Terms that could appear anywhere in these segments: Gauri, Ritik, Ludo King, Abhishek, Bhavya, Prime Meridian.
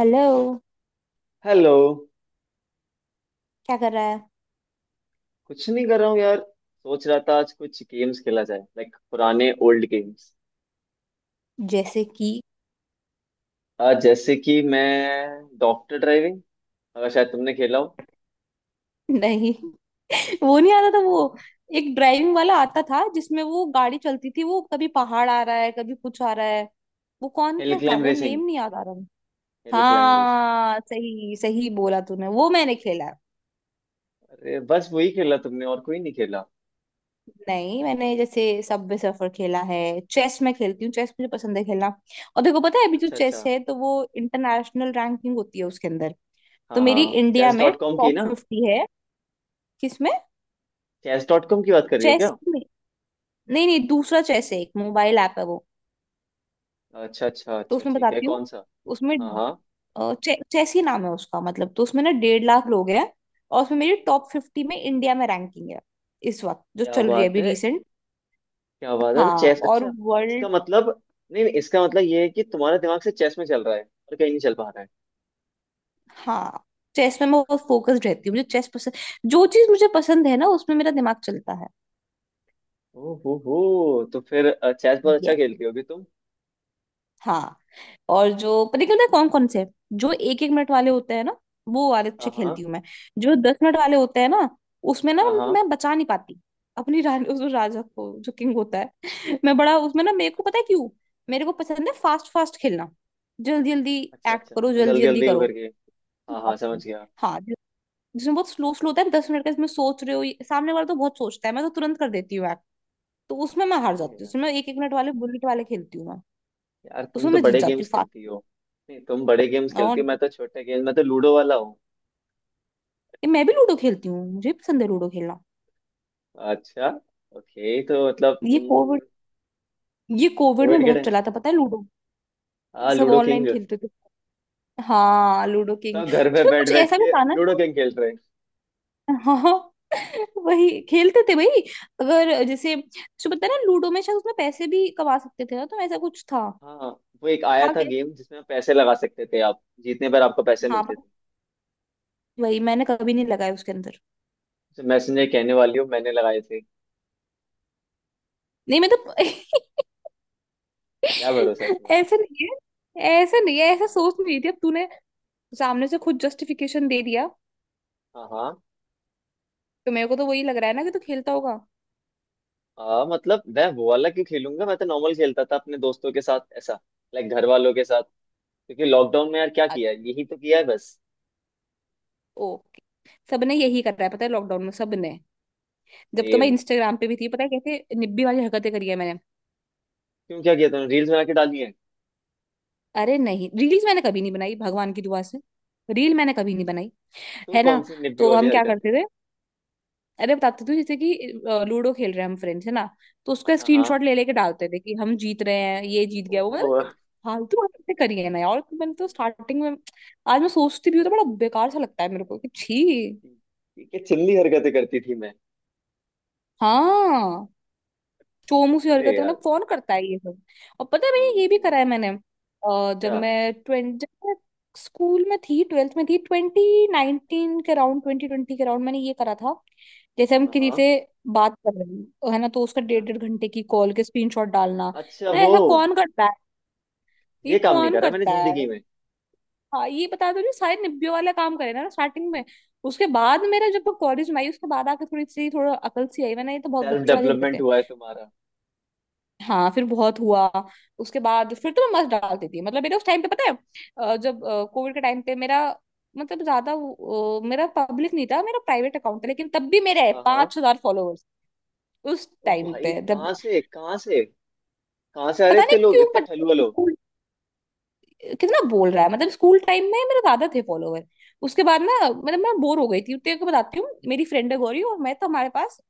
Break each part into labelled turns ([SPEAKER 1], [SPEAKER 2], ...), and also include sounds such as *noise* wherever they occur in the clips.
[SPEAKER 1] Hello.
[SPEAKER 2] Hello.
[SPEAKER 1] क्या कर रहा है?
[SPEAKER 2] कुछ नहीं कर रहा हूँ यार। सोच रहा था आज कुछ गेम्स खेला जाए, लाइक पुराने ओल्ड गेम्स।
[SPEAKER 1] जैसे कि?
[SPEAKER 2] आज जैसे कि मैं, डॉक्टर ड्राइविंग। अगर शायद तुमने खेला हो।
[SPEAKER 1] नहीं, *laughs* वो नहीं आता था। वो एक ड्राइविंग वाला आता था जिसमें वो गाड़ी चलती थी, वो कभी पहाड़ आ रहा है कभी कुछ आ रहा है। वो कौन
[SPEAKER 2] हिल
[SPEAKER 1] था
[SPEAKER 2] क्लाइंब
[SPEAKER 1] वो,
[SPEAKER 2] रेसिंग।
[SPEAKER 1] नेम नहीं याद आ रहा।
[SPEAKER 2] Hill climb racing.
[SPEAKER 1] हाँ, सही सही बोला तूने, वो मैंने खेला है।
[SPEAKER 2] अरे बस वही खेला तुमने, और कोई नहीं खेला?
[SPEAKER 1] नहीं, मैंने जैसे सबवे सफर खेला है। चेस मैं खेलती हूँ, चेस मुझे पसंद है खेलना। और देखो, पता है अभी जो
[SPEAKER 2] अच्छा,
[SPEAKER 1] चेस
[SPEAKER 2] अच्छा।
[SPEAKER 1] है तो वो इंटरनेशनल रैंकिंग होती है उसके अंदर। तो
[SPEAKER 2] हाँ
[SPEAKER 1] मेरी
[SPEAKER 2] हाँ,
[SPEAKER 1] इंडिया
[SPEAKER 2] चेस
[SPEAKER 1] में
[SPEAKER 2] डॉट कॉम की
[SPEAKER 1] टॉप
[SPEAKER 2] ना?
[SPEAKER 1] फिफ्टी है। किसमें?
[SPEAKER 2] चेस डॉट कॉम की बात कर रही हो
[SPEAKER 1] चेस।
[SPEAKER 2] क्या?
[SPEAKER 1] नहीं नहीं, दूसरा चेस है, एक मोबाइल ऐप है वो।
[SPEAKER 2] अच्छा अच्छा
[SPEAKER 1] तो
[SPEAKER 2] अच्छा,
[SPEAKER 1] उसमें
[SPEAKER 2] ठीक है,
[SPEAKER 1] बताती
[SPEAKER 2] कौन
[SPEAKER 1] हूँ,
[SPEAKER 2] सा?
[SPEAKER 1] उसमें
[SPEAKER 2] हाँ हाँ।
[SPEAKER 1] चेस ही नाम है उसका। मतलब तो उसमें ना 1.5 लाख लोग हैं। और उसमें मेरी टॉप 50 में इंडिया में रैंकिंग है, इस वक्त जो
[SPEAKER 2] क्या
[SPEAKER 1] चल रही है
[SPEAKER 2] बात
[SPEAKER 1] अभी,
[SPEAKER 2] है!
[SPEAKER 1] रिसेंट।
[SPEAKER 2] क्या बात है,
[SPEAKER 1] हाँ
[SPEAKER 2] चेस,
[SPEAKER 1] और
[SPEAKER 2] अच्छा। इसका
[SPEAKER 1] वर्ल्ड।
[SPEAKER 2] मतलब, नहीं नहीं, इसका मतलब ये है कि तुम्हारा दिमाग से चेस में चल रहा है, और कहीं नहीं चल पा रहा है।
[SPEAKER 1] हाँ, चेस में मैं बहुत फोकस्ड रहती हूँ, मुझे चेस पसंद। जो चीज मुझे पसंद है ना उसमें मेरा दिमाग चलता
[SPEAKER 2] ओ हो, तो फिर चेस बहुत
[SPEAKER 1] है।
[SPEAKER 2] अच्छा खेलती होगी तुम।
[SPEAKER 1] हाँ, और जो, पता क्यों ना कौन कौन से, जो एक एक मिनट वाले होते हैं ना, वो वाले
[SPEAKER 2] हाँ
[SPEAKER 1] अच्छे
[SPEAKER 2] हाँ।
[SPEAKER 1] खेलती हूँ मैं। जो 10 मिनट वाले होते हैं ना, उसमें ना
[SPEAKER 2] हाँ हाँ।
[SPEAKER 1] मैं बचा नहीं पाती अपनी रानी, उस राजा को जो किंग होता है। *laughs* मैं बड़ा उसमें ना, मेरे को पता है क्यों, मेरे को पसंद है फास्ट फास्ट खेलना, जल्दी जल्दी।
[SPEAKER 2] अच्छा
[SPEAKER 1] एक्ट करो,
[SPEAKER 2] अच्छा,
[SPEAKER 1] जल्दी
[SPEAKER 2] जल्दी
[SPEAKER 1] जल्दी
[SPEAKER 2] जल्दी हो
[SPEAKER 1] करो।
[SPEAKER 2] करके। हाँ हाँ, समझ गया।
[SPEAKER 1] हाँ, जिसमें बहुत स्लो स्लो होता है, 10 मिनट का, इसमें सोच रहे हो, सामने वाला तो बहुत सोचता है, मैं तो तुरंत कर देती हूँ एक्ट। तो उसमें मैं हार
[SPEAKER 2] अरे
[SPEAKER 1] जाती हूँ,
[SPEAKER 2] यार।
[SPEAKER 1] उसमें एक एक मिनट वाले बुलेट वाले खेलती हूँ मैं।
[SPEAKER 2] यार तुम
[SPEAKER 1] उसमें
[SPEAKER 2] तो
[SPEAKER 1] मैं जीत
[SPEAKER 2] बड़े
[SPEAKER 1] जाती
[SPEAKER 2] गेम्स
[SPEAKER 1] हूँ
[SPEAKER 2] खेलती हो। नहीं, तुम बड़े गेम्स खेलती हो,
[SPEAKER 1] फास्ट।
[SPEAKER 2] मैं तो छोटे गेम, मैं तो लूडो वाला हूँ।
[SPEAKER 1] ये, मैं भी लूडो खेलती हूँ, मुझे भी पसंद है लूडो खेलना।
[SPEAKER 2] अच्छा। ओके, तो मतलब
[SPEAKER 1] ये कोविड,
[SPEAKER 2] हम्म।
[SPEAKER 1] ये कोविड में
[SPEAKER 2] कोविड के
[SPEAKER 1] बहुत
[SPEAKER 2] टाइम।
[SPEAKER 1] चला था पता है, लूडो।
[SPEAKER 2] हाँ,
[SPEAKER 1] सब
[SPEAKER 2] लूडो किंग।
[SPEAKER 1] ऑनलाइन खेलते थे। हाँ लूडो
[SPEAKER 2] तो
[SPEAKER 1] किंग।
[SPEAKER 2] घर पे
[SPEAKER 1] उसमें
[SPEAKER 2] बैठ
[SPEAKER 1] कुछ
[SPEAKER 2] बैठ
[SPEAKER 1] ऐसा भी
[SPEAKER 2] के
[SPEAKER 1] था ना
[SPEAKER 2] लूडो
[SPEAKER 1] शायद।
[SPEAKER 2] किंग खेल रहे हैं।
[SPEAKER 1] हाँ, *laughs* वही खेलते थे भाई। अगर जैसे, जो, पता है ना, लूडो में शायद उसमें पैसे भी कमा सकते थे ना, तो ऐसा कुछ था।
[SPEAKER 2] हाँ। वो एक आया
[SPEAKER 1] था
[SPEAKER 2] था
[SPEAKER 1] क्या?
[SPEAKER 2] गेम, जिसमें पैसे लगा सकते थे आप, जीतने पर आपको पैसे
[SPEAKER 1] हाँ
[SPEAKER 2] मिलते
[SPEAKER 1] पर
[SPEAKER 2] थे।
[SPEAKER 1] वही मैंने कभी नहीं लगाया उसके अंदर।
[SPEAKER 2] तो मैं सुनने कहने वाली हूँ, मैंने लगाए थे।
[SPEAKER 1] नहीं मतलब
[SPEAKER 2] क्या भरोसा है
[SPEAKER 1] *laughs*
[SPEAKER 2] तुम्हारा।
[SPEAKER 1] ऐसा नहीं है, ऐसा नहीं है, ऐसा
[SPEAKER 2] ना।
[SPEAKER 1] सोच नहीं रही थी, अब तूने सामने से खुद जस्टिफिकेशन दे दिया।
[SPEAKER 2] हाँ हाँ।
[SPEAKER 1] तो मेरे को तो वही लग रहा है ना कि तू खेलता होगा।
[SPEAKER 2] मतलब मैं वो वाला क्यों खेलूंगा, मैं तो नॉर्मल खेलता था अपने दोस्तों के साथ, ऐसा। लाइक घर वालों के साथ। क्योंकि लॉकडाउन में यार क्या किया है,
[SPEAKER 1] अच्छा,
[SPEAKER 2] यही तो किया है बस।
[SPEAKER 1] ओके। सबने यही कर रहा है पता है लॉकडाउन में, सबने। जब तो मैं
[SPEAKER 2] सेम।
[SPEAKER 1] इंस्टाग्राम पे भी थी, पता है कैसे निब्बी वाली हरकतें करी है मैंने।
[SPEAKER 2] क्यों, क्या किया तुमने, रील्स बना के डाली है?
[SPEAKER 1] अरे नहीं, रील्स मैंने कभी नहीं बनाई भगवान की दुआ से। रील मैंने कभी नहीं बनाई।
[SPEAKER 2] तो
[SPEAKER 1] है ना,
[SPEAKER 2] कौन सी निब्बी
[SPEAKER 1] तो
[SPEAKER 2] वाली
[SPEAKER 1] हम क्या
[SPEAKER 2] हरकत?
[SPEAKER 1] करते थे? अरे बताते थे जैसे कि लूडो खेल रहे हैं हम फ्रेंड्स, है ना, तो उसका
[SPEAKER 2] हाँ हाँ,
[SPEAKER 1] स्क्रीनशॉट ले लेके डालते थे कि हम जीत रहे हैं, ये जीत गया, वो, मतलब
[SPEAKER 2] ओहो।
[SPEAKER 1] कि फालतू हरकतें करी है ना यार, तो मैंने तो स्टार्टिंग में। आज मैं सोचती भी हूँ तो बड़ा बेकार सा लगता है मेरे को, कि छी।
[SPEAKER 2] ठीक है, चिल्ली हरकतें करती थी मैं।
[SPEAKER 1] हाँ, चोमू सी
[SPEAKER 2] अरे
[SPEAKER 1] हरकत है,
[SPEAKER 2] यार।
[SPEAKER 1] मतलब कौन करता है ये सब। और पता है भैया ये भी
[SPEAKER 2] हम्म,
[SPEAKER 1] करा है मैंने, जब
[SPEAKER 2] क्या?
[SPEAKER 1] मैं ट्वेंटी जब मैं स्कूल में थी, ट्वेल्थ में थी, 2019 के अराउंड, 2020 के अराउंड मैंने ये करा था। जैसे हम
[SPEAKER 2] हाँ
[SPEAKER 1] किसी
[SPEAKER 2] हाँ।
[SPEAKER 1] से बात कर रहे हैं तो है ना, तो उसका
[SPEAKER 2] हाँ।
[SPEAKER 1] डेढ़ डेढ़ घंटे की कॉल के स्क्रीनशॉट डालना।
[SPEAKER 2] अच्छा,
[SPEAKER 1] ना
[SPEAKER 2] वो।
[SPEAKER 1] ऐसा कौन करता है? ये
[SPEAKER 2] ये काम नहीं
[SPEAKER 1] कौन
[SPEAKER 2] करा मैंने
[SPEAKER 1] करता है?
[SPEAKER 2] जिंदगी में।
[SPEAKER 1] हाँ ये बता दो, जो सारे निब्बे वाला काम करे ना स्टार्टिंग में, उसके बाद मेरा, जब कॉलेज में आई उसके बाद आके थोड़ी सी, थोड़ा अकल सी आई, मैंने ये तो बहुत
[SPEAKER 2] सेल्फ
[SPEAKER 1] बच्चों वाली हरकत
[SPEAKER 2] डेवलपमेंट
[SPEAKER 1] है।
[SPEAKER 2] हुआ है तुम्हारा।
[SPEAKER 1] हाँ फिर बहुत हुआ। उसके बाद फिर तो मैं मस्त डाल देती थी, मतलब मेरा उस टाइम पे, पता है जब कोविड के टाइम पे मेरा, मतलब ज्यादा वो, मेरा पब्लिक नहीं था, मेरा प्राइवेट अकाउंट था, लेकिन तब भी मेरे
[SPEAKER 2] हाँ हाँ।
[SPEAKER 1] 5,000 फॉलोअर्स। उस
[SPEAKER 2] ओ
[SPEAKER 1] टाइम
[SPEAKER 2] भाई,
[SPEAKER 1] पे, जब,
[SPEAKER 2] कहाँ से कहाँ से, कहाँ से आ रहे
[SPEAKER 1] पता नहीं
[SPEAKER 2] इतने लोग,
[SPEAKER 1] क्यों
[SPEAKER 2] इतने
[SPEAKER 1] बट,
[SPEAKER 2] ठलुआ।
[SPEAKER 1] स्कूल, कितना बोल रहा है, मतलब स्कूल टाइम में मेरे ज्यादा थे फॉलोअर। उसके बाद ना, मतलब मैं बोर हो गई थी, तेरे को बताती हूँ, मेरी फ्रेंड है गौरी और मैं, तो हमारे पास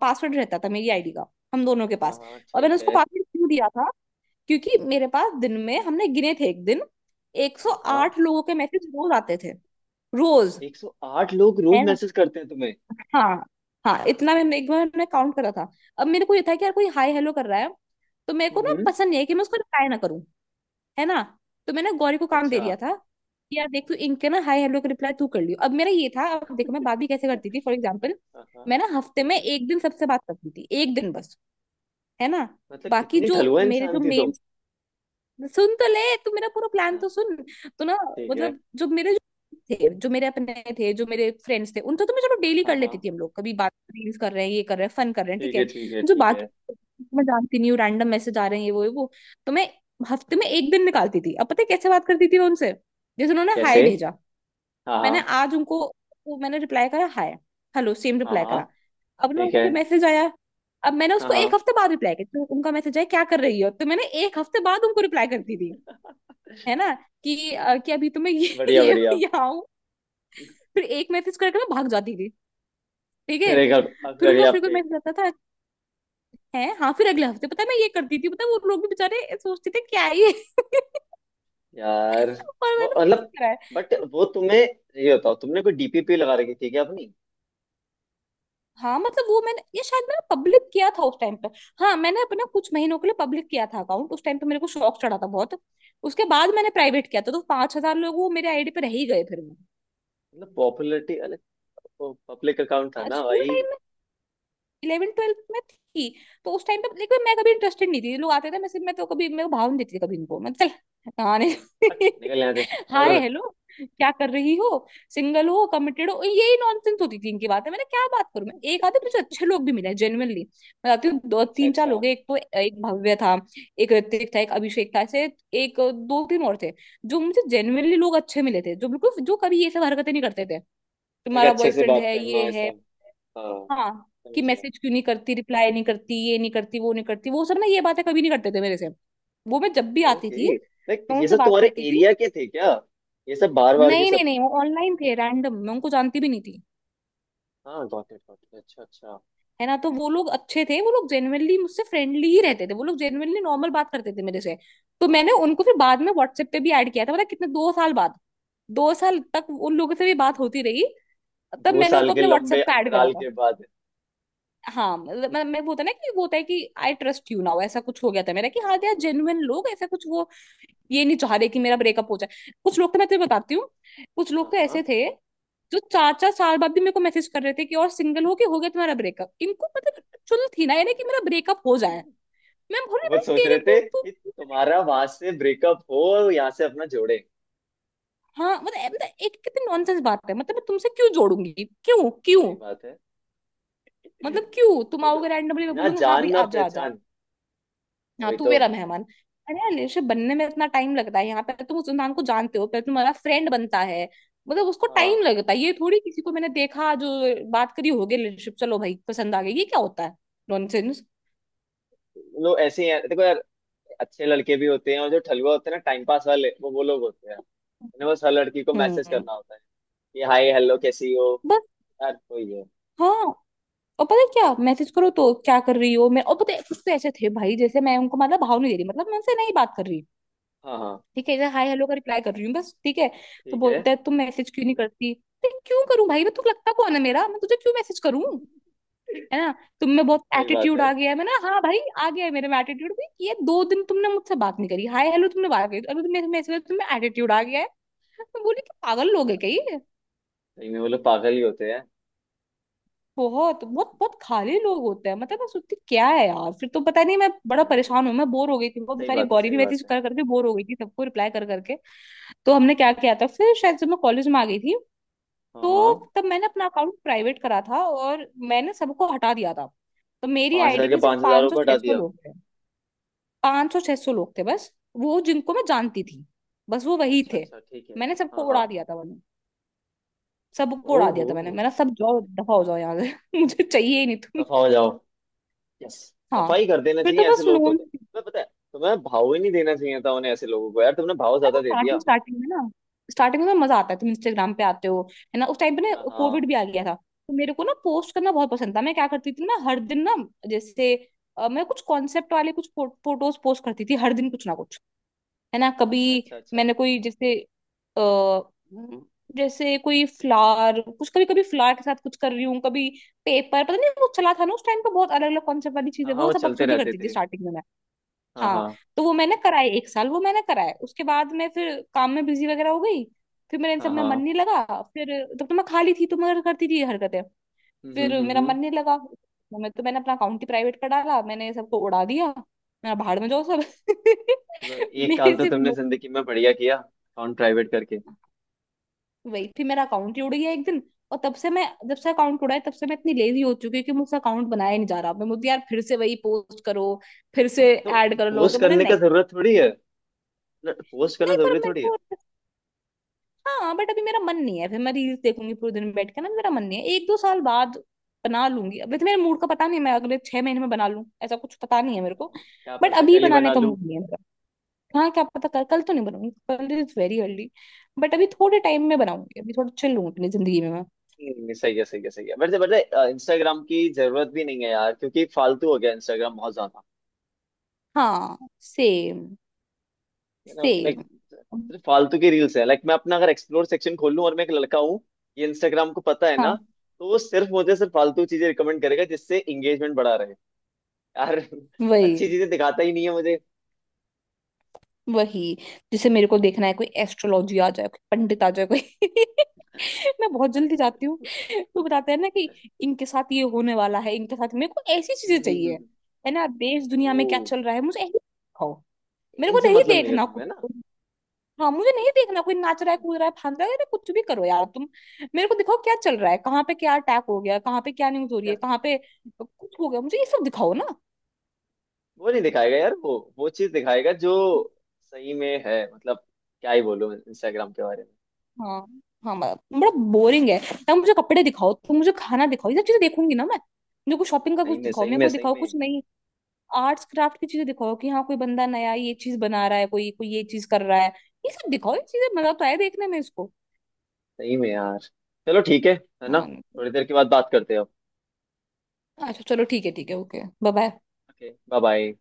[SPEAKER 1] पासवर्ड रहता था मेरी आईडी का, हम दोनों के
[SPEAKER 2] हाँ
[SPEAKER 1] पास।
[SPEAKER 2] हाँ,
[SPEAKER 1] और मैंने
[SPEAKER 2] ठीक
[SPEAKER 1] उसको
[SPEAKER 2] है।
[SPEAKER 1] पासवर्ड क्यों दिया था? क्योंकि मेरे पास दिन में, हमने गिने थे एक दिन,
[SPEAKER 2] हाँ हाँ।
[SPEAKER 1] 108 लोगों के मैसेज रोज आते थे, रोज।
[SPEAKER 2] 108 लोग रोज
[SPEAKER 1] है ना,
[SPEAKER 2] मैसेज करते हैं तुम्हें?
[SPEAKER 1] हाँ हाँ इतना, मैंने एक बार मैंने काउंट करा था। अब मेरे को ये था कि यार कोई हाय हेलो कर रहा है, तो मेरे को ना
[SPEAKER 2] हम्म।
[SPEAKER 1] पसंद नहीं है कि मैं उसको रिप्लाई ना करूं। है ना, तो मैंने गौरी को काम दे
[SPEAKER 2] अच्छा।
[SPEAKER 1] दिया था कि यार देख तू इनके ना हाय हेलो का रिप्लाई तू कर लियो। अब मेरा ये था, अब देखो मैं बात भी कैसे करती थी, फॉर एग्जाम्पल।
[SPEAKER 2] हाँ हाँ।
[SPEAKER 1] मैं ना हफ्ते में
[SPEAKER 2] हम्म।
[SPEAKER 1] एक दिन सबसे बात करती थी, एक दिन बस। है ना।
[SPEAKER 2] मतलब
[SPEAKER 1] बाकी
[SPEAKER 2] कितनी
[SPEAKER 1] जो,
[SPEAKER 2] ढलुआ
[SPEAKER 1] मेरे जो
[SPEAKER 2] इंसान थी
[SPEAKER 1] मेन,
[SPEAKER 2] तुम।
[SPEAKER 1] सुन तो ले, तू मेरा पूरा प्लान
[SPEAKER 2] हाँ,
[SPEAKER 1] तो सुन। तो ना,
[SPEAKER 2] ठीक है।
[SPEAKER 1] मतलब जो मेरे, जो थे, जो मेरे अपने थे, जो मेरे फ्रेंड्स थे, उनसे तो मैं चलो डेली
[SPEAKER 2] हाँ
[SPEAKER 1] कर
[SPEAKER 2] हाँ,
[SPEAKER 1] लेती थी, हम लोग कभी बात, रील्स कर रहे हैं, ये कर रहे हैं, फन कर रहे हैं, ठीक
[SPEAKER 2] ठीक है
[SPEAKER 1] है।
[SPEAKER 2] ठीक है
[SPEAKER 1] जो
[SPEAKER 2] ठीक है।
[SPEAKER 1] बाकी मैं जानती नहीं हूँ, रैंडम मैसेज आ रहे हैं ये वो ये वो, तो मैं हफ्ते में एक दिन निकालती थी। अब पता है कैसे बात करती थी मैं उनसे, जैसे उन्होंने हाय
[SPEAKER 2] कैसे?
[SPEAKER 1] भेजा।
[SPEAKER 2] हाँ हाँ।
[SPEAKER 1] मैंने आज उनको, वो मैंने रिप्लाई करा हाय, हेलो सेम
[SPEAKER 2] हाँ
[SPEAKER 1] रिप्लाई
[SPEAKER 2] हाँ।
[SPEAKER 1] करा। अब ना
[SPEAKER 2] ठीक है।
[SPEAKER 1] उनको मैसेज आया। अब मैंने
[SPEAKER 2] हाँ
[SPEAKER 1] उसको
[SPEAKER 2] हाँ,
[SPEAKER 1] एक हफ्ते बाद रिप्लाई किया, तो उनका मैसेज आया क्या कर रही हो, तो मैंने एक हफ्ते बाद उनको रिप्लाई करती थी। है ना, कि अभी तो मैं ये *laughs*
[SPEAKER 2] बढ़िया
[SPEAKER 1] ये
[SPEAKER 2] बढ़िया।
[SPEAKER 1] यहाँ हूँ। फिर एक मैसेज करके मैं भाग जाती थी, ठीक है।
[SPEAKER 2] फिर एक, अब फिर
[SPEAKER 1] फिर उनका
[SPEAKER 2] अगले
[SPEAKER 1] फिर कोई
[SPEAKER 2] हफ्ते।
[SPEAKER 1] मैसेज आता था, है हाँ, फिर अगले हफ्ते पता है मैं ये करती थी, पता है वो लोग भी बेचारे सोचते थे क्या है ये। *laughs*
[SPEAKER 2] यार
[SPEAKER 1] और
[SPEAKER 2] वो
[SPEAKER 1] मैंने ऐसे ही
[SPEAKER 2] मतलब,
[SPEAKER 1] करा है
[SPEAKER 2] बट
[SPEAKER 1] तो।
[SPEAKER 2] वो तुम्हें ये बताओ, तुमने कोई डीपीपी लगा रखी थी क्या अपनी?
[SPEAKER 1] हाँ मतलब वो, मैंने ये शायद मैंने पब्लिक किया था उस टाइम पे। हाँ मैंने अपना कुछ महीनों के लिए पब्लिक किया था अकाउंट, उस टाइम पे मेरे को शौक चढ़ा था बहुत। उसके बाद मैंने प्राइवेट किया था, तो 5,000 लोग वो मेरे आईडी पे रह ही गए फिर वो।
[SPEAKER 2] मतलब पॉपुलैरिटी, अरे। पब्लिक अकाउंट था ना
[SPEAKER 1] स्कूल
[SPEAKER 2] भाई।
[SPEAKER 1] टाइम, इलेवन ट्वेल्थ में थी, तो उस टाइम पे। लेकिन मैं कभी इंटरेस्टेड नहीं थी, लोग आते थे, मैं सिर्फ, मैं तो कभी मेरे को भाव नहीं देती थी कभी, इनको मैं चल, आने।
[SPEAKER 2] हट, निकल यहाँ से
[SPEAKER 1] *laughs*
[SPEAKER 2] पर।
[SPEAKER 1] हाय हेलो, क्या कर रही हो, सिंगल हो, कमिटेड हो, यही नॉनसेंस होती थी इनकी बातें, मैंने क्या बात करूं मैं। एक आधे मुझे अच्छे लोग भी मिले जेन्युइनली। मैं जाती हूँ, दो
[SPEAKER 2] अच्छा
[SPEAKER 1] तीन चार
[SPEAKER 2] अच्छा।
[SPEAKER 1] लोग हैं। एक तो, एक भव्य था। एक ऋतिक था, एक अभिषेक था, ऐसे एक दो तीन और थे, जो मुझे जेन्युइनली लोग अच्छे मिले थे, जो बिल्कुल जो कभी ये सब हरकतें नहीं करते थे।
[SPEAKER 2] लाइक
[SPEAKER 1] तुम्हारा
[SPEAKER 2] अच्छे से
[SPEAKER 1] बॉयफ्रेंड
[SPEAKER 2] बात
[SPEAKER 1] है
[SPEAKER 2] करना
[SPEAKER 1] ये
[SPEAKER 2] है
[SPEAKER 1] है,
[SPEAKER 2] सब। हाँ,
[SPEAKER 1] हाँ, कि
[SPEAKER 2] समझ गया।
[SPEAKER 1] मैसेज क्यों नहीं करती, रिप्लाई नहीं करती, ये नहीं करती, वो नहीं करती, वो सब ना ये बातें कभी नहीं करते थे मेरे से। वो मैं जब भी आती थी
[SPEAKER 2] ओके, लाइक
[SPEAKER 1] मैं
[SPEAKER 2] ये
[SPEAKER 1] उनसे
[SPEAKER 2] सब
[SPEAKER 1] बात
[SPEAKER 2] तुम्हारे
[SPEAKER 1] करती थी।
[SPEAKER 2] एरिया के थे क्या? ये सब बार बार के
[SPEAKER 1] नहीं नहीं
[SPEAKER 2] सब।
[SPEAKER 1] नहीं, वो ऑनलाइन थे रैंडम, मैं उनको जानती भी नहीं थी।
[SPEAKER 2] हाँ, गॉट इट गॉट इट, अच्छा अच्छा।
[SPEAKER 1] है ना, तो वो लोग अच्छे थे, वो लोग जेन्युइनली मुझसे फ्रेंडली ही रहते थे, वो लोग जेन्युइनली नॉर्मल बात करते थे मेरे से। तो
[SPEAKER 2] हाँ
[SPEAKER 1] मैंने
[SPEAKER 2] हाँ।
[SPEAKER 1] उनको फिर बाद में व्हाट्सएप पे भी ऐड किया था, पता है कितने? 2 साल बाद। 2 साल तक उन लोगों से भी बात होती रही, तब
[SPEAKER 2] दो
[SPEAKER 1] मैंने
[SPEAKER 2] साल
[SPEAKER 1] उनको
[SPEAKER 2] के
[SPEAKER 1] अपने
[SPEAKER 2] लंबे
[SPEAKER 1] व्हाट्सएप पे ऐड करा
[SPEAKER 2] अंतराल
[SPEAKER 1] था।
[SPEAKER 2] के बाद।
[SPEAKER 1] हाँ मतलब मैं वो होता है ना, कि वो होता है कि आई ट्रस्ट यू नाउ, ऐसा कुछ हो गया था मेरा, कि हाँ यार
[SPEAKER 2] हाँ।
[SPEAKER 1] जेन्युइन लोग, ऐसा कुछ वो। ये नहीं चाह रहे कि मेरा ब्रेकअप हो जाए, कुछ लोग तो मैं तुझे बताती हूँ, कुछ लोग
[SPEAKER 2] हाँ
[SPEAKER 1] तो
[SPEAKER 2] हाँ।
[SPEAKER 1] ऐसे थे, जो चार चार साल बाद भी मेरे को मैसेज कर रहे थे, कि और सिंगल हो, के हो गया तुम्हारा ब्रेकअप, इनको मतलब चुल थी ना यानी कि मेरा ब्रेकअप हो जाए, मैं बोल रही
[SPEAKER 2] वो
[SPEAKER 1] भाई
[SPEAKER 2] सोच
[SPEAKER 1] तेरे
[SPEAKER 2] रहे
[SPEAKER 1] को
[SPEAKER 2] थे
[SPEAKER 1] तो।
[SPEAKER 2] कि तुम्हारा वहां से ब्रेकअप हो, और यहाँ से अपना जोड़े।
[SPEAKER 1] हाँ मतलब मतलब एक, कितनी नॉनसेंस बात है, मतलब मैं तुमसे क्यों जोड़ूंगी? क्यों
[SPEAKER 2] सही
[SPEAKER 1] क्यों?
[SPEAKER 2] बात है।
[SPEAKER 1] मतलब
[SPEAKER 2] वही
[SPEAKER 1] क्यों तुम
[SPEAKER 2] तो।
[SPEAKER 1] आओगे रैंडमली, मैं
[SPEAKER 2] ना
[SPEAKER 1] बोलूंगी हाँ
[SPEAKER 2] जान
[SPEAKER 1] भाई
[SPEAKER 2] ना
[SPEAKER 1] आ जा।
[SPEAKER 2] पहचान।
[SPEAKER 1] हाँ
[SPEAKER 2] वही
[SPEAKER 1] तू
[SPEAKER 2] तो।
[SPEAKER 1] मेरा मेहमान। अरे यार रिलेशनशिप बनने में इतना टाइम लगता है, यहाँ पे तुम उस इंसान को जानते हो, फिर तुम्हारा फ्रेंड बनता है। मतलब उसको टाइम
[SPEAKER 2] हाँ।
[SPEAKER 1] लगता है, ये थोड़ी किसी को मैंने देखा, जो बात करी होगी, रिलेशनशिप चलो भाई पसंद आ गई, ये क्या होता है? नॉनसेंस।
[SPEAKER 2] लोग ऐसे ही हैं देखो यार। अच्छे लड़के भी होते हैं, और जो ठलुआ होते हैं ना टाइम पास वाले, वो लोग होते हैं। उन्हें बस हर लड़की को मैसेज
[SPEAKER 1] हम्म,
[SPEAKER 2] करना होता है। कि हाय हेलो कैसी हो।
[SPEAKER 1] बस।
[SPEAKER 2] यार वही है।
[SPEAKER 1] हाँ, और पता है क्या मैसेज करो तो क्या कर रही हो मैं, और पता है कुछ तो ऐसे थे भाई, जैसे मैं उनको मतलब भाव नहीं दे रही मतलब मैं उनसे नहीं बात कर रही।
[SPEAKER 2] हाँ हाँ,
[SPEAKER 1] ठीक है, जैसे हाय हेलो का रिप्लाई कर रही हूँ बस, ठीक है। तो
[SPEAKER 2] ठीक है,
[SPEAKER 1] बोलते हैं तुम मैसेज क्यों नहीं करती। तो क्यों करूं भाई, मैं तुझे लगता कौन है मेरा, मैं तुझे क्यों मैसेज करूं, है ना। तुम में बहुत
[SPEAKER 2] सही बात
[SPEAKER 1] एटीट्यूड
[SPEAKER 2] है।
[SPEAKER 1] आ गया है, मैं ना, हाँ भाई आ गया है मेरे में एटीट्यूड भी, ये दो दिन तुमने मुझसे बात नहीं करी, हाय हेलो तुमने बात करी अभी तुमने मैसेज में, तुम्हें एटीट्यूड आ गया है। मैं बोली कि पागल लोग है क्या ये।
[SPEAKER 2] सही में वो लोग पागल ही होते हैं।
[SPEAKER 1] बहुत बहुत बहुत खाली लोग होते हैं। मतलब मैं सोचती क्या है यार, फिर तो पता नहीं, मैं बड़ा
[SPEAKER 2] क्या है
[SPEAKER 1] परेशान हूँ,
[SPEAKER 2] यार,
[SPEAKER 1] मैं बोर हो गई थी, वो
[SPEAKER 2] सही
[SPEAKER 1] बेचारी
[SPEAKER 2] बात है
[SPEAKER 1] गौरी भी
[SPEAKER 2] सही
[SPEAKER 1] मैसेज
[SPEAKER 2] बात है।
[SPEAKER 1] कर करके बोर हो गई थी सबको रिप्लाई कर करके। तो हमने क्या किया था फिर, शायद जब मैं कॉलेज में आ गई थी,
[SPEAKER 2] हाँ हाँ।
[SPEAKER 1] तो तब मैंने अपना अकाउंट प्राइवेट करा था और मैंने सबको हटा दिया था। तो मेरी
[SPEAKER 2] 5,000
[SPEAKER 1] आईडी
[SPEAKER 2] के
[SPEAKER 1] पे सिर्फ
[SPEAKER 2] पांच
[SPEAKER 1] 500
[SPEAKER 2] हजार
[SPEAKER 1] सौ
[SPEAKER 2] को
[SPEAKER 1] छह
[SPEAKER 2] हटा
[SPEAKER 1] सौ
[SPEAKER 2] दिया?
[SPEAKER 1] लोग थे, 500-600 लोग थे बस, वो जिनको मैं जानती थी, बस वो वही
[SPEAKER 2] अच्छा
[SPEAKER 1] थे।
[SPEAKER 2] अच्छा, ठीक है।
[SPEAKER 1] मैंने सबको
[SPEAKER 2] हाँ हाँ,
[SPEAKER 1] उड़ा दिया था वरना, सबको उड़ा दिया
[SPEAKER 2] ओहो।
[SPEAKER 1] था मैंने मैंने सब जाओ दफा हो जाओ यहाँ से *laughs* मुझे चाहिए ही नहीं तुम।
[SPEAKER 2] सफा हो जाओ। यस।
[SPEAKER 1] हाँ।
[SPEAKER 2] सफाई कर देना
[SPEAKER 1] फिर तो
[SPEAKER 2] चाहिए ऐसे
[SPEAKER 1] बस
[SPEAKER 2] लोगों को
[SPEAKER 1] नोन।
[SPEAKER 2] तो, तुम्हें पता है। तुम्हें भाव ही नहीं देना चाहिए था उन्हें, ऐसे लोगों को यार, तुमने भाव
[SPEAKER 1] अरे
[SPEAKER 2] ज्यादा
[SPEAKER 1] वो
[SPEAKER 2] दे
[SPEAKER 1] स्टार्टिंग
[SPEAKER 2] दिया।
[SPEAKER 1] स्टार्टिंग में ना, स्टार्टिंग में मजा आता है, तुम इंस्टाग्राम पे आते हो, है ना। उस टाइम पे ना
[SPEAKER 2] हाँ हाँ,
[SPEAKER 1] कोविड भी आ गया था, तो मेरे को ना पोस्ट करना बहुत पसंद था, मैं क्या करती थी ना हर दिन ना, जैसे मैं कुछ कॉन्सेप्ट वाले कुछ फोटोज पोस्ट करती थी हर दिन कुछ ना कुछ, है ना। कभी
[SPEAKER 2] अच्छा अच्छा अच्छा।
[SPEAKER 1] मैंने कोई जैसे, अ जैसे कोई फ्लावर कुछ, कभी कभी फ्लावर के साथ कुछ कर रही हूँ, कभी पेपर, पता नहीं वो चला था ना उस टाइम पे बहुत अलग अलग कॉन्सेप्ट वाली चीजें,
[SPEAKER 2] हाँ हाँ,
[SPEAKER 1] वो
[SPEAKER 2] वो
[SPEAKER 1] सब
[SPEAKER 2] चलते
[SPEAKER 1] बकचोदी
[SPEAKER 2] रहते
[SPEAKER 1] करती थी
[SPEAKER 2] थे।
[SPEAKER 1] स्टार्टिंग में मैं।
[SPEAKER 2] हाँ
[SPEAKER 1] हाँ।
[SPEAKER 2] हाँ।
[SPEAKER 1] तो वो मैंने कराए 1 साल, वो मैंने कराए, उसके बाद मैं फिर काम में बिजी वगैरह हो गई, फिर मेरे इन
[SPEAKER 2] हाँ
[SPEAKER 1] सब में मन
[SPEAKER 2] हाँ।
[SPEAKER 1] नहीं लगा फिर। तब तो मैं खाली थी तो मैं करती थी ये हरकतें।
[SPEAKER 2] हम्म
[SPEAKER 1] फिर
[SPEAKER 2] हम्म हम्म
[SPEAKER 1] मेरा
[SPEAKER 2] हम्म।
[SPEAKER 1] मन नहीं लगा, मैं तो मैंने अपना अकाउंट ही प्राइवेट कर डाला, मैंने सबको उड़ा दिया। मेरा भाड़ में जाओ सब।
[SPEAKER 2] चलो,
[SPEAKER 1] *laughs*
[SPEAKER 2] एक
[SPEAKER 1] मेरे
[SPEAKER 2] काम तो
[SPEAKER 1] सिर्फ,
[SPEAKER 2] तुमने जिंदगी में बढ़िया किया, अकाउंट प्राइवेट करके।
[SPEAKER 1] वही फिर मेरा अकाउंट ही उड़ गया 1 दिन। और तब से मैं, जब से अकाउंट उड़ा है तब से मैं इतनी लेजी हो चुकी हूँ कि मुझसे अकाउंट बनाया ही नहीं जा रहा, मैं मुझे यार फिर से वही पोस्ट करो, फिर से
[SPEAKER 2] तो
[SPEAKER 1] ऐड कर लो, कि
[SPEAKER 2] पोस्ट
[SPEAKER 1] मैंने
[SPEAKER 2] करने
[SPEAKER 1] नहीं।
[SPEAKER 2] का जरूरत थोड़ी है। पोस्ट करना
[SPEAKER 1] नहीं पर
[SPEAKER 2] जरूरी
[SPEAKER 1] मेरे
[SPEAKER 2] थोड़ी है।
[SPEAKER 1] को, हाँ बट अभी मेरा मन नहीं है, फिर मैं रील्स देखूंगी पूरे दिन बैठ के ना, मेरा मन नहीं है। 1-2 साल बाद बना लूंगी, अभी तो मेरे मूड का पता नहीं है, मैं अगले 6 महीने में बना लूं ऐसा कुछ पता नहीं है मेरे को।
[SPEAKER 2] क्या
[SPEAKER 1] बट
[SPEAKER 2] पता,
[SPEAKER 1] अभी
[SPEAKER 2] कल ही
[SPEAKER 1] बनाने
[SPEAKER 2] बना
[SPEAKER 1] का
[SPEAKER 2] लूं।
[SPEAKER 1] मूड नहीं है मेरा। हाँ क्या पता, कल, कल तो नहीं बनाऊंगी, कल इज वेरी अर्ली। बट अभी थोड़े टाइम में बनाऊंगी, अभी थोड़ा चिल लूं अपनी जिंदगी में मैं।
[SPEAKER 2] सही है सही है सही है, वैसे वैसे इंस्टाग्राम की जरूरत भी नहीं है यार, क्योंकि फालतू हो गया इंस्टाग्राम बहुत ज्यादा।
[SPEAKER 1] हाँ। सेम।
[SPEAKER 2] है ना, लाइक।
[SPEAKER 1] सेम।
[SPEAKER 2] सिर्फ फालतू की रील्स है, लाइक मैं अपना अगर एक्सप्लोर सेक्शन खोल लूं, और मैं एक लड़का हूँ। ये इंस्टाग्राम को पता है ना।
[SPEAKER 1] हाँ।
[SPEAKER 2] तो वो सिर्फ मुझे, सिर्फ फालतू चीजें रिकमेंड करेगा, जिससे एंगेजमेंट बढ़ा रहे। यार।
[SPEAKER 1] वही।
[SPEAKER 2] अच्छी चीजें दिखाता ही नहीं है मुझे।
[SPEAKER 1] वही। जैसे मेरे को देखना है, कोई एस्ट्रोलॉजी आ जाए, कोई पंडित आ जाए कोई *laughs* मैं बहुत जल्दी जाती हूँ, तो बताते हैं ना कि इनके साथ ये होने वाला है, इनके साथ, मेरे को ऐसी
[SPEAKER 2] हम्म,
[SPEAKER 1] चीजें
[SPEAKER 2] हम्म, हम्म,
[SPEAKER 1] चाहिए,
[SPEAKER 2] हम्म।
[SPEAKER 1] है ना, देश दुनिया
[SPEAKER 2] ओ।
[SPEAKER 1] में क्या चल रहा है मुझे ऐसी दिखाओ। मेरे को
[SPEAKER 2] इनसे
[SPEAKER 1] नहीं
[SPEAKER 2] मतलब नहीं है
[SPEAKER 1] देखना कुछ।
[SPEAKER 2] तुम्हें ना?
[SPEAKER 1] हाँ मुझे नहीं देखना कोई नाच रहा है, कूद रहा है, फांद रहा है, अरे कुछ भी करो यार तुम। मेरे को दिखाओ क्या चल रहा है, कहाँ पे क्या अटैक हो गया, कहाँ पे क्या न्यूज हो रही
[SPEAKER 2] क्या?
[SPEAKER 1] है, कहाँ पे कुछ हो गया, मुझे ये सब दिखाओ ना।
[SPEAKER 2] वो नहीं दिखाएगा यार, वो चीज दिखाएगा जो। सही में है मतलब। क्या ही बोलूं इंस्टाग्राम के बारे में।
[SPEAKER 1] हाँ। हाँ बड़ा, बड़ा बोरिंग है। या मुझे कपड़े दिखाओ, तुम मुझे खाना दिखाओ, ये सब चीजें देखूंगी ना मैं। मेरे को शॉपिंग का
[SPEAKER 2] सही
[SPEAKER 1] कुछ
[SPEAKER 2] में
[SPEAKER 1] दिखाओ,
[SPEAKER 2] सही
[SPEAKER 1] मेरे
[SPEAKER 2] में
[SPEAKER 1] को
[SPEAKER 2] सही
[SPEAKER 1] दिखाओ कुछ
[SPEAKER 2] में।
[SPEAKER 1] नहीं, आर्ट्स क्राफ्ट की चीजें दिखाओ, कि हाँ कोई बंदा नया ये चीज बना रहा है, कोई कोई ये चीज कर रहा है, ये सब दिखाओ, ये चीजें मजा तो आए देखने में इसको।
[SPEAKER 2] सही में यार। चलो ठीक है। है ना।
[SPEAKER 1] हाँ।
[SPEAKER 2] थोड़ी देर के बाद बात करते हैं।
[SPEAKER 1] अच्छा चलो ठीक है, ठीक है, okay bye,
[SPEAKER 2] okay, bye bye.